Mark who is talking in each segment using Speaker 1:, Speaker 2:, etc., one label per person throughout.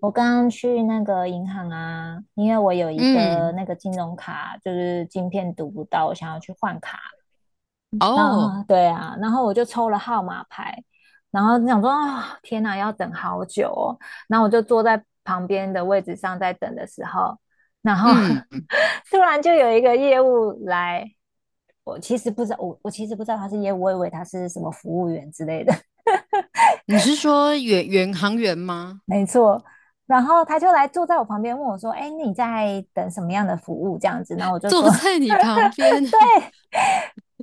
Speaker 1: 我刚刚去那个银行啊，因为我有一个
Speaker 2: 嗯，
Speaker 1: 那个金融卡，就是晶片读不到，我想要去换卡。然
Speaker 2: 哦，
Speaker 1: 后对啊，然后我就抽了号码牌，然后想说啊，天哪，要等好久哦。然后我就坐在旁边的位置上在等的时候，然后
Speaker 2: 嗯，
Speaker 1: 突然就有一个业务来，我其实不知道，我其实不知道他是业务，我以为他是什么服务员之类的。
Speaker 2: 你是说远远航员吗？
Speaker 1: 没错。然后他就来坐在我旁边问我说：“哎，你在等什么样的服务？”这样子，然后我 就
Speaker 2: 坐
Speaker 1: 说：“
Speaker 2: 在你旁边，
Speaker 1: 对。”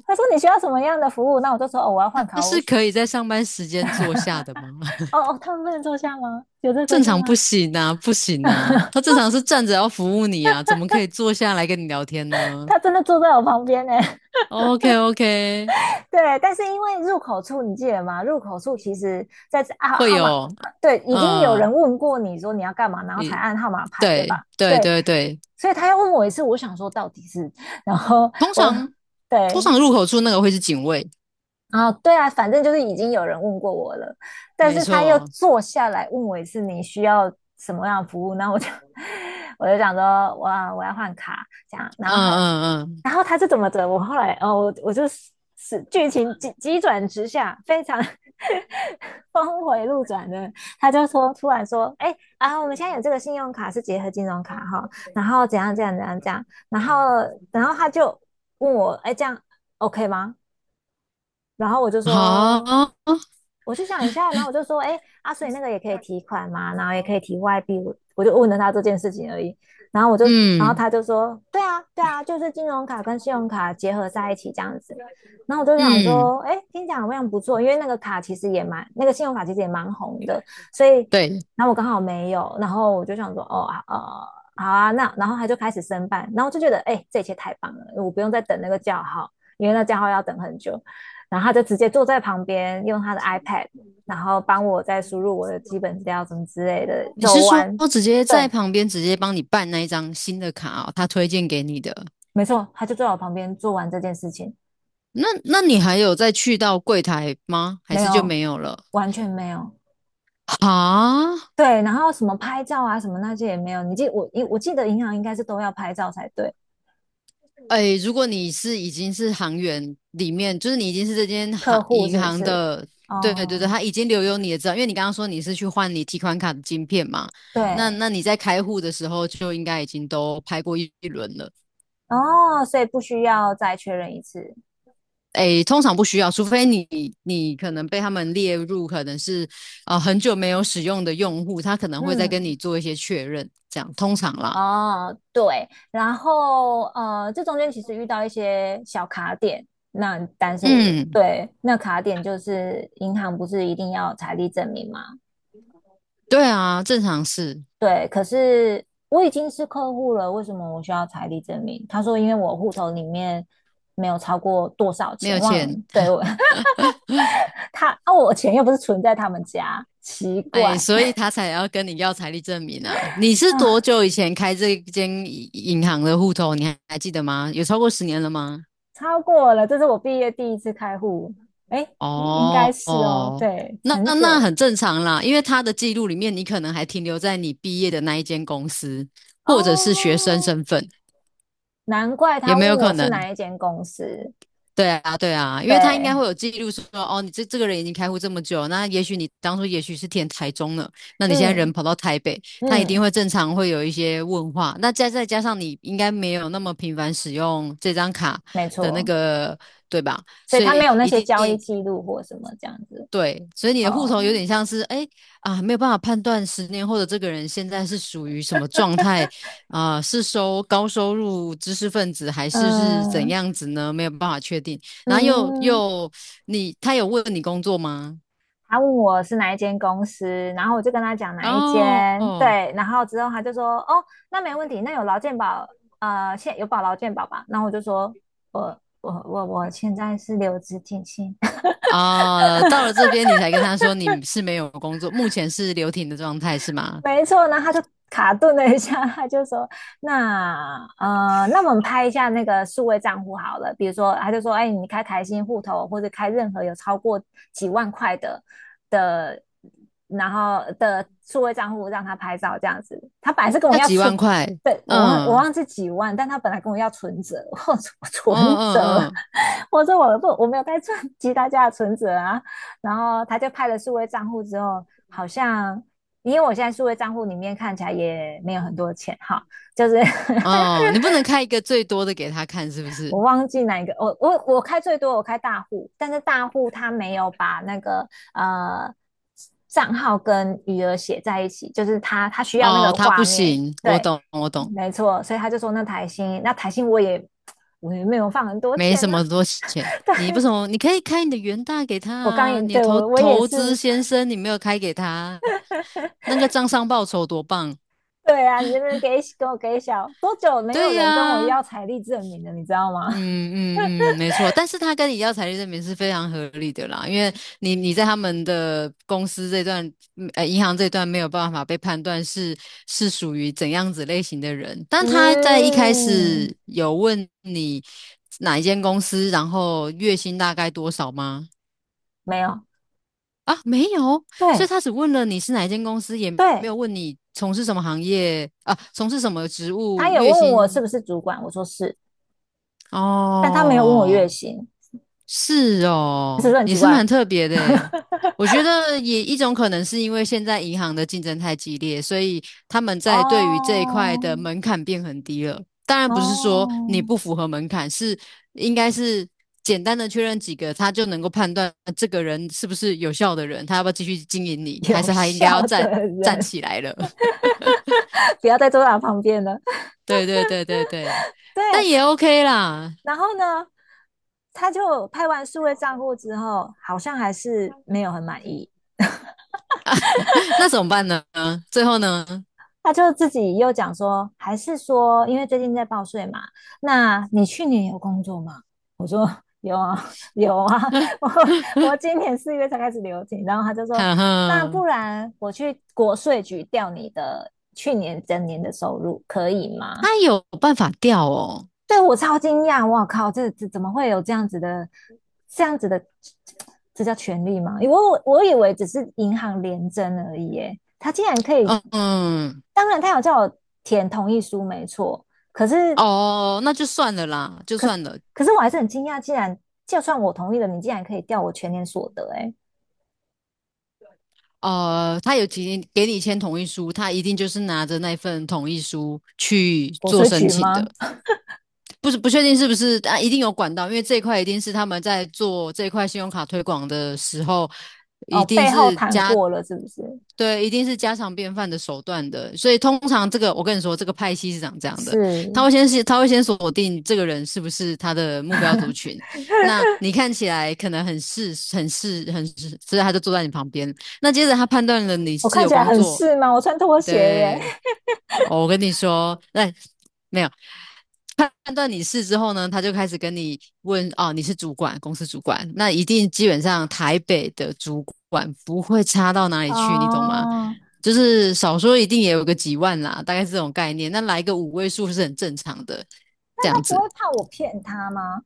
Speaker 1: 他说你需要什么样的服务？”那我就说：“哦，我要换
Speaker 2: 他
Speaker 1: 卡。”我
Speaker 2: 是可以在上班时间坐下的吗？
Speaker 1: 哦 哦，他们不能坐下吗？有这规
Speaker 2: 正
Speaker 1: 定
Speaker 2: 常不
Speaker 1: 吗？
Speaker 2: 行啊，不行啊，他正 常是站着要服务你啊，怎么可以坐下来跟你聊天呢
Speaker 1: 他真的坐在我旁边呢。
Speaker 2: ？OK OK，
Speaker 1: 对，但是因为入口处，你记得吗？入口处其实在啊
Speaker 2: 会
Speaker 1: 号码，
Speaker 2: 有，
Speaker 1: 对，已经有
Speaker 2: 嗯，
Speaker 1: 人问过你说你要干嘛，然后才
Speaker 2: 你
Speaker 1: 按号码牌，对
Speaker 2: 对
Speaker 1: 吧？
Speaker 2: 对
Speaker 1: 对，
Speaker 2: 对对，
Speaker 1: 所以他要问我一次，我想说到底是，然后
Speaker 2: 通
Speaker 1: 我
Speaker 2: 常通
Speaker 1: 对，
Speaker 2: 常入口处那个会是警卫，
Speaker 1: 哦，对啊，反正就是已经有人问过我了，但
Speaker 2: 没
Speaker 1: 是他又
Speaker 2: 错，
Speaker 1: 坐下来问我一次你需要什么样的服务，那我就 我就想说，哇，我要换卡这样，然后他
Speaker 2: 嗯嗯
Speaker 1: 是怎么着？我后来哦，我就是剧情急急转直下，非常 峰回路转的，他就说突然说，哎啊，我们现在有这个信用卡是结合金融卡哈，然后怎样怎样怎样怎样，然后他就问我，哎，这样 OK 吗？然后我就
Speaker 2: 嗯，
Speaker 1: 说。
Speaker 2: 好，
Speaker 1: 我就想一下，然后我就说，哎，阿水那个也可以提款嘛，然后也可以提外币，我就问了他这件事情而已。然后我就，然后
Speaker 2: 嗯。
Speaker 1: 他就说，对啊，对啊，就是金融卡跟信用卡结合在一起这样子。然后我就想
Speaker 2: 嗯，
Speaker 1: 说，哎，听起来好像不错，因为那个卡其实也蛮，那个信用卡其实也蛮红的，所以，
Speaker 2: 对，
Speaker 1: 然后我刚好没有，然后我就想说，哦，好啊，那然后他就开始申办，然后我就觉得，哎，这一切太棒了，我不用再等那个叫号，因为那叫号要等很久。然后他就直接坐在旁边，用他的 iPad，然后帮我再输入我的基本资料什么之类的，
Speaker 2: 你
Speaker 1: 走
Speaker 2: 是说
Speaker 1: 完。
Speaker 2: 直接在
Speaker 1: 对，
Speaker 2: 旁边直接帮你办那一张新的卡哦，他推荐给你的。
Speaker 1: 没错，他就坐在我旁边做完这件事情，
Speaker 2: 那你还有再去到柜台吗？还
Speaker 1: 没
Speaker 2: 是就没
Speaker 1: 有，
Speaker 2: 有了？
Speaker 1: 完全没有。
Speaker 2: 啊，
Speaker 1: 对，然后什么拍照啊，什么那些也没有。你记我，我记得银行应该是都要拍照才对，
Speaker 2: 哎，如果你是已经是行员里面，就是你已经是这间行
Speaker 1: 客户
Speaker 2: 银
Speaker 1: 是不
Speaker 2: 行
Speaker 1: 是？
Speaker 2: 的，对对对，
Speaker 1: 哦，
Speaker 2: 他已经留有你的资料，因为你刚刚说你是去换你提款卡的晶片嘛，那
Speaker 1: 对，
Speaker 2: 你在开户的时候就应该已经都拍过一轮了。
Speaker 1: 哦，所以不需要再确认一次。
Speaker 2: 诶，通常不需要，除非你可能被他们列入可能是很久没有使用的用户，他可能会再跟你
Speaker 1: 嗯，
Speaker 2: 做一些确认，这样通常啦。
Speaker 1: 哦，对，然后这中间其实遇到一些小卡点，那但是我
Speaker 2: 嗯，
Speaker 1: 对那卡点就是银行不是一定要财力证明吗？
Speaker 2: 对啊，正常是
Speaker 1: 对，可是我已经是客户了，为什么我需要财力证明？他说因为我户头里面没有超过多少
Speaker 2: 没有
Speaker 1: 钱，忘了，
Speaker 2: 钱，
Speaker 1: 对我 他啊，我钱又不是存在他们家，奇
Speaker 2: 哎，
Speaker 1: 怪
Speaker 2: 所以他才要跟你要财力证明啊。你是多
Speaker 1: 啊，
Speaker 2: 久以前开这间银行的户头？你还记得吗？有超过十年了吗？
Speaker 1: 超过了，这是我毕业第一次开户，诶，应应该
Speaker 2: 哦
Speaker 1: 是哦，
Speaker 2: 哦，
Speaker 1: 对，
Speaker 2: 那
Speaker 1: 很
Speaker 2: 那
Speaker 1: 久
Speaker 2: 很正常啦，因为他的记录里面，你可能还停留在你毕业的那一间公司，或者是学生
Speaker 1: 哦，
Speaker 2: 身份，
Speaker 1: 难怪
Speaker 2: 也
Speaker 1: 他
Speaker 2: 没有
Speaker 1: 问
Speaker 2: 可
Speaker 1: 我是
Speaker 2: 能。
Speaker 1: 哪一间公司。
Speaker 2: 对啊，对啊，因为他应该会
Speaker 1: 对，
Speaker 2: 有记录说，哦，你这个人已经开户这么久，那也许你当初也许是填台中了，那你现在
Speaker 1: 嗯
Speaker 2: 人跑到台北，他一定
Speaker 1: 嗯，
Speaker 2: 会正常会有一些问话。那再加上你应该没有那么频繁使用这张卡
Speaker 1: 没
Speaker 2: 的那
Speaker 1: 错，
Speaker 2: 个，对吧？
Speaker 1: 所以
Speaker 2: 所
Speaker 1: 他
Speaker 2: 以
Speaker 1: 没有那
Speaker 2: 一
Speaker 1: 些
Speaker 2: 定
Speaker 1: 交易记录或什么这样子。
Speaker 2: 对，所以你的户头有
Speaker 1: 哦，
Speaker 2: 点像是，哎啊，没有办法判断十年后的这个人现在是属于什么状态啊，是收高收入知识分子还是是怎
Speaker 1: 嗯
Speaker 2: 样子呢？没有办法确定。然后又
Speaker 1: 嗯，
Speaker 2: 又你他有问你工作吗？
Speaker 1: 他问我是哪一间公司，然后我就跟他讲哪一
Speaker 2: 哦
Speaker 1: 间。
Speaker 2: 哦
Speaker 1: 对，然后之后他就说，哦，那没问题，那有劳健保，现有保劳健保吧？然后我就说，我现在是留职停薪。
Speaker 2: 啊，到了这边你才跟他说你是没有工作，目前是留停的状态是吗？
Speaker 1: 没错，然后他就卡顿了一下，他就说：“那那我们拍一下那个数位账户好了，比如说，他就说，哎，你开台新户头或者开任何有超过几万块的的，然后的数位账户让他拍照这样子。他本来是跟我
Speaker 2: 要
Speaker 1: 要
Speaker 2: 几万
Speaker 1: 存，
Speaker 2: 块？
Speaker 1: 对，我忘我
Speaker 2: 嗯，
Speaker 1: 忘记几万，但他本来跟我要存折，我说
Speaker 2: 嗯
Speaker 1: 我存折，
Speaker 2: 嗯嗯
Speaker 1: 我说我没有在赚其他家的存折啊。然后他就拍了数位账户之后，好像。”因为我现在数位账户里面看起来也没有很多钱哈，就是
Speaker 2: 哦，你不能开一个最多的给他看是不是？
Speaker 1: 我忘记哪一个，我开最多我开大户，但是大户他没有把那个呃账号跟余额写在一起，就是他需要那
Speaker 2: 哦，
Speaker 1: 个
Speaker 2: 他不
Speaker 1: 画面，
Speaker 2: 行，我
Speaker 1: 对，
Speaker 2: 懂，我懂，
Speaker 1: 没错，所以他就说那台新，那台新我也没有放很多
Speaker 2: 没
Speaker 1: 钱
Speaker 2: 什
Speaker 1: 啊，
Speaker 2: 么多钱。
Speaker 1: 对
Speaker 2: 你不什么？你可以开你的元大给他
Speaker 1: 我刚
Speaker 2: 啊，
Speaker 1: 也
Speaker 2: 你的
Speaker 1: 对
Speaker 2: 投
Speaker 1: 我也
Speaker 2: 投资
Speaker 1: 是，
Speaker 2: 先生，你没有开给他啊，那个账上报酬多棒！
Speaker 1: 对啊，你这边给我给小多久没有
Speaker 2: 对
Speaker 1: 人跟我
Speaker 2: 呀、
Speaker 1: 要财力证明了，你知道吗？
Speaker 2: 嗯嗯嗯，没错，但是他跟你要财力证明是非常合理的啦，因为你在他们的公司这段，嗯，银行这段没有办法被判断是属于怎样子类型的人，但他在一开始
Speaker 1: 嗯，
Speaker 2: 有问你哪一间公司，然后月薪大概多少吗？
Speaker 1: 没有，
Speaker 2: 啊，没有，所以
Speaker 1: 对
Speaker 2: 他只问了你是哪一间公司，也没
Speaker 1: 对，
Speaker 2: 有问你从事什么行业啊，从事什么职
Speaker 1: 他
Speaker 2: 务，
Speaker 1: 也
Speaker 2: 月
Speaker 1: 问我是
Speaker 2: 薪
Speaker 1: 不是主管，我说是，但他没有问我月
Speaker 2: 哦。
Speaker 1: 薪，
Speaker 2: 是
Speaker 1: 是不
Speaker 2: 哦，
Speaker 1: 是很
Speaker 2: 也
Speaker 1: 奇
Speaker 2: 是蛮
Speaker 1: 怪？
Speaker 2: 特别的诶。我觉得也一种可能是因为现在银行的竞争太激烈，所以他们在对于这一块的
Speaker 1: 哦
Speaker 2: 门槛变很低了。当然不是说你
Speaker 1: 哦，
Speaker 2: 不符合门槛，是应该是简单的确认几个，他就能够判断这个人是不是有效的人，他要不要继续经营 你，还
Speaker 1: 有
Speaker 2: 是他应该要
Speaker 1: 效
Speaker 2: 站
Speaker 1: 的
Speaker 2: 站
Speaker 1: 人
Speaker 2: 起来了。
Speaker 1: 不要再坐在他旁边了。
Speaker 2: 对对对对对，但
Speaker 1: 对，
Speaker 2: 也 OK 啦。
Speaker 1: 然后呢，他就拍完数位账户之后，好像还是没有很满意。
Speaker 2: 那怎么办呢？最后呢？
Speaker 1: 他就自己又讲说，还是说，因为最近在报税嘛，那你去年有工作吗？我说有啊，有啊，我我今年4月才开始留停，然后他就说，
Speaker 2: 哈
Speaker 1: 那
Speaker 2: 哈。
Speaker 1: 不然我去国税局调你的去年整年的收入，可以吗？
Speaker 2: 他有办法掉哦，
Speaker 1: 对我超惊讶，我靠，这怎么会有这样子的，这样子的，这叫权利吗？我以为只是银行联征而已，耶，他竟然可以
Speaker 2: 嗯嗯，
Speaker 1: 当然他有叫我填同意书，没错。可是，
Speaker 2: 哦，那就算了啦，就
Speaker 1: 可是，
Speaker 2: 算了。
Speaker 1: 可是我还是很惊讶，竟然就算我同意了，你竟然可以调我全年所得，欸，哎，
Speaker 2: 他有提给你签同意书，他一定就是拿着那份同意书去
Speaker 1: 国
Speaker 2: 做
Speaker 1: 税
Speaker 2: 申
Speaker 1: 局
Speaker 2: 请
Speaker 1: 吗？
Speaker 2: 的。不是不确定是不是啊，一定有管道，因为这一块一定是他们在做这一块信用卡推广的时候，一
Speaker 1: 哦，
Speaker 2: 定
Speaker 1: 背后
Speaker 2: 是
Speaker 1: 谈
Speaker 2: 家
Speaker 1: 过了是不是？
Speaker 2: 对，一定是家常便饭的手段的。所以通常这个，我跟你说，这个派系是长这样的，他
Speaker 1: 是
Speaker 2: 会先是他会先锁定这个人是不是他的目标族群。那你看起来可能很是很是很是，所以他就坐在你旁边。那接着他判断了你
Speaker 1: 我
Speaker 2: 是
Speaker 1: 看
Speaker 2: 有
Speaker 1: 起来
Speaker 2: 工
Speaker 1: 很
Speaker 2: 作，
Speaker 1: 是吗？我穿拖鞋耶。
Speaker 2: 对
Speaker 1: 欸
Speaker 2: 哦我跟你说，那没有判断你是之后呢，他就开始跟你问哦，你是主管，公司主管，那一定基本上台北的主管不会差到哪里去，你懂吗？
Speaker 1: 哦，
Speaker 2: 就是少说一定也有个几万啦，大概是这种概念。那来个5位数是很正常的，这
Speaker 1: 那
Speaker 2: 样
Speaker 1: 他不
Speaker 2: 子。
Speaker 1: 会怕我骗他吗？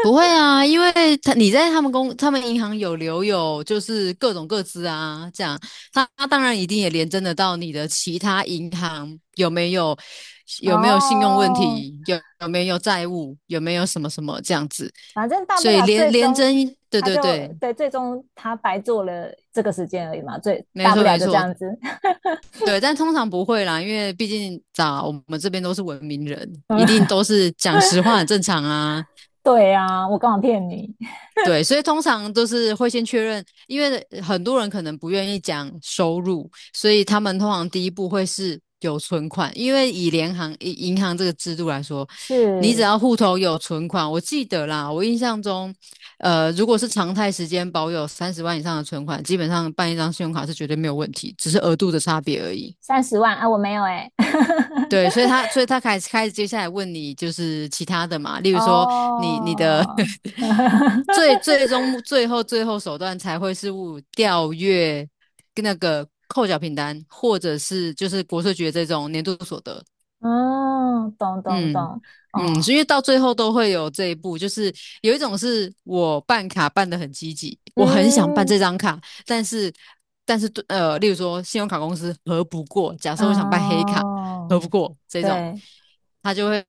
Speaker 2: 不会啊，因为他你在他们公他们银行有留有就是各种各资啊，这样他当然一定也连征得到你的其他银行有没有没有信用问
Speaker 1: 哦，
Speaker 2: 题，有没有债务，有没有什么什么这样子，
Speaker 1: 反正大
Speaker 2: 所
Speaker 1: 不
Speaker 2: 以
Speaker 1: 了
Speaker 2: 连
Speaker 1: 最
Speaker 2: 连征，
Speaker 1: 终
Speaker 2: 对
Speaker 1: 他
Speaker 2: 对
Speaker 1: 就
Speaker 2: 对，
Speaker 1: 对，最终他白做了这个时间而已嘛，最
Speaker 2: 没
Speaker 1: 大不
Speaker 2: 错
Speaker 1: 了
Speaker 2: 没
Speaker 1: 就这
Speaker 2: 错，
Speaker 1: 样子。
Speaker 2: 对，但通常不会啦，因为毕竟咋我们这边都是文明人，一定 都是讲实话很正常啊，
Speaker 1: 对啊，我干嘛骗你？
Speaker 2: 对，所以通常都是会先确认，因为很多人可能不愿意讲收入，所以他们通常第一步会是有存款，因为以联行以银行这个制度来说，你只
Speaker 1: 是
Speaker 2: 要户头有存款，我记得啦，我印象中，如果是常态时间保有30万以上的存款，基本上办一张信用卡是绝对没有问题，只是额度的差别而已。
Speaker 1: 30万啊，我没有哎，
Speaker 2: 对，所以 他，所以他开始接下来问你，就是其他的嘛，例如说你的
Speaker 1: 哦，
Speaker 2: 最后手段才会是物调阅那个扣缴凭单，或者是就是国税局的这种年度所得。
Speaker 1: 嗯，懂懂
Speaker 2: 嗯
Speaker 1: 懂，
Speaker 2: 嗯，所
Speaker 1: 哦，
Speaker 2: 以到最后都会有这一步，就是有一种是我办卡办得很积极，我很想办
Speaker 1: 嗯，
Speaker 2: 这张卡，但是但是对，例如说信用卡公司核不过，假设我想办黑卡核
Speaker 1: 哦，
Speaker 2: 不过这种，
Speaker 1: 对，
Speaker 2: 他就会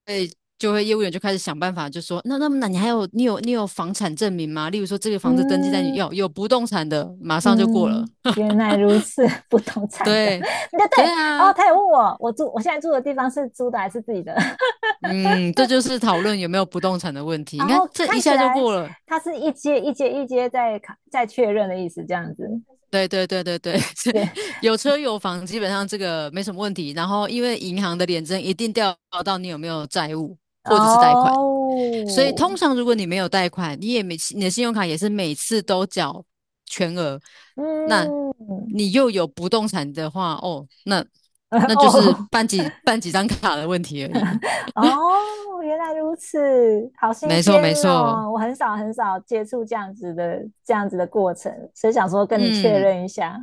Speaker 2: 业务员就开始想办法，就说那你还有你有房产证明吗？例如说这个房子登记在你
Speaker 1: 嗯
Speaker 2: 有不动产的，马上就过了，
Speaker 1: 嗯，原来如此，不同产的，
Speaker 2: 对。
Speaker 1: 对
Speaker 2: 对
Speaker 1: 对，然后
Speaker 2: 啊，
Speaker 1: 他也问我，我住我现在住的地方是租的还是自己的，
Speaker 2: 嗯，这就是讨论有没有不动产的问题。你
Speaker 1: 然
Speaker 2: 看，
Speaker 1: 后
Speaker 2: 这一
Speaker 1: 看起
Speaker 2: 下就
Speaker 1: 来
Speaker 2: 过了，
Speaker 1: 他是一阶一阶在卡在确认的意思，这样子，
Speaker 2: 对对对对对，
Speaker 1: 对，
Speaker 2: 有车有房，基本上这个没什么问题。然后，因为银行的联征一定调查到你有没有债务或者是贷款，所以
Speaker 1: 哦。
Speaker 2: 通常如果你没有贷款，你也没你的信用卡也是每次都缴全额，那
Speaker 1: 嗯，
Speaker 2: 你又有不动产的话，哦，那 就是
Speaker 1: 哦
Speaker 2: 办几张卡的问题而已。
Speaker 1: 哦，原来如此，好新
Speaker 2: 没错
Speaker 1: 鲜
Speaker 2: 没错，
Speaker 1: 哦！我很少很少接触这样子的这样子的过程，所以想说跟你确
Speaker 2: 嗯，
Speaker 1: 认一下。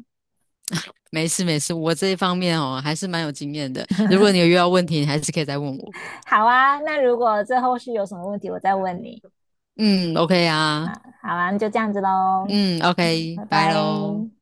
Speaker 2: 没事没事，我这一方面哦还是蛮有经验的。如果你有遇到问题，你还是可以再问我。
Speaker 1: 好啊，那如果这后续有什么问题，我再问你。
Speaker 2: 嗯，OK 啊。
Speaker 1: 好啊，那就这样子喽。
Speaker 2: 嗯
Speaker 1: 嗯，
Speaker 2: ，OK，
Speaker 1: 拜
Speaker 2: 拜喽。
Speaker 1: 拜。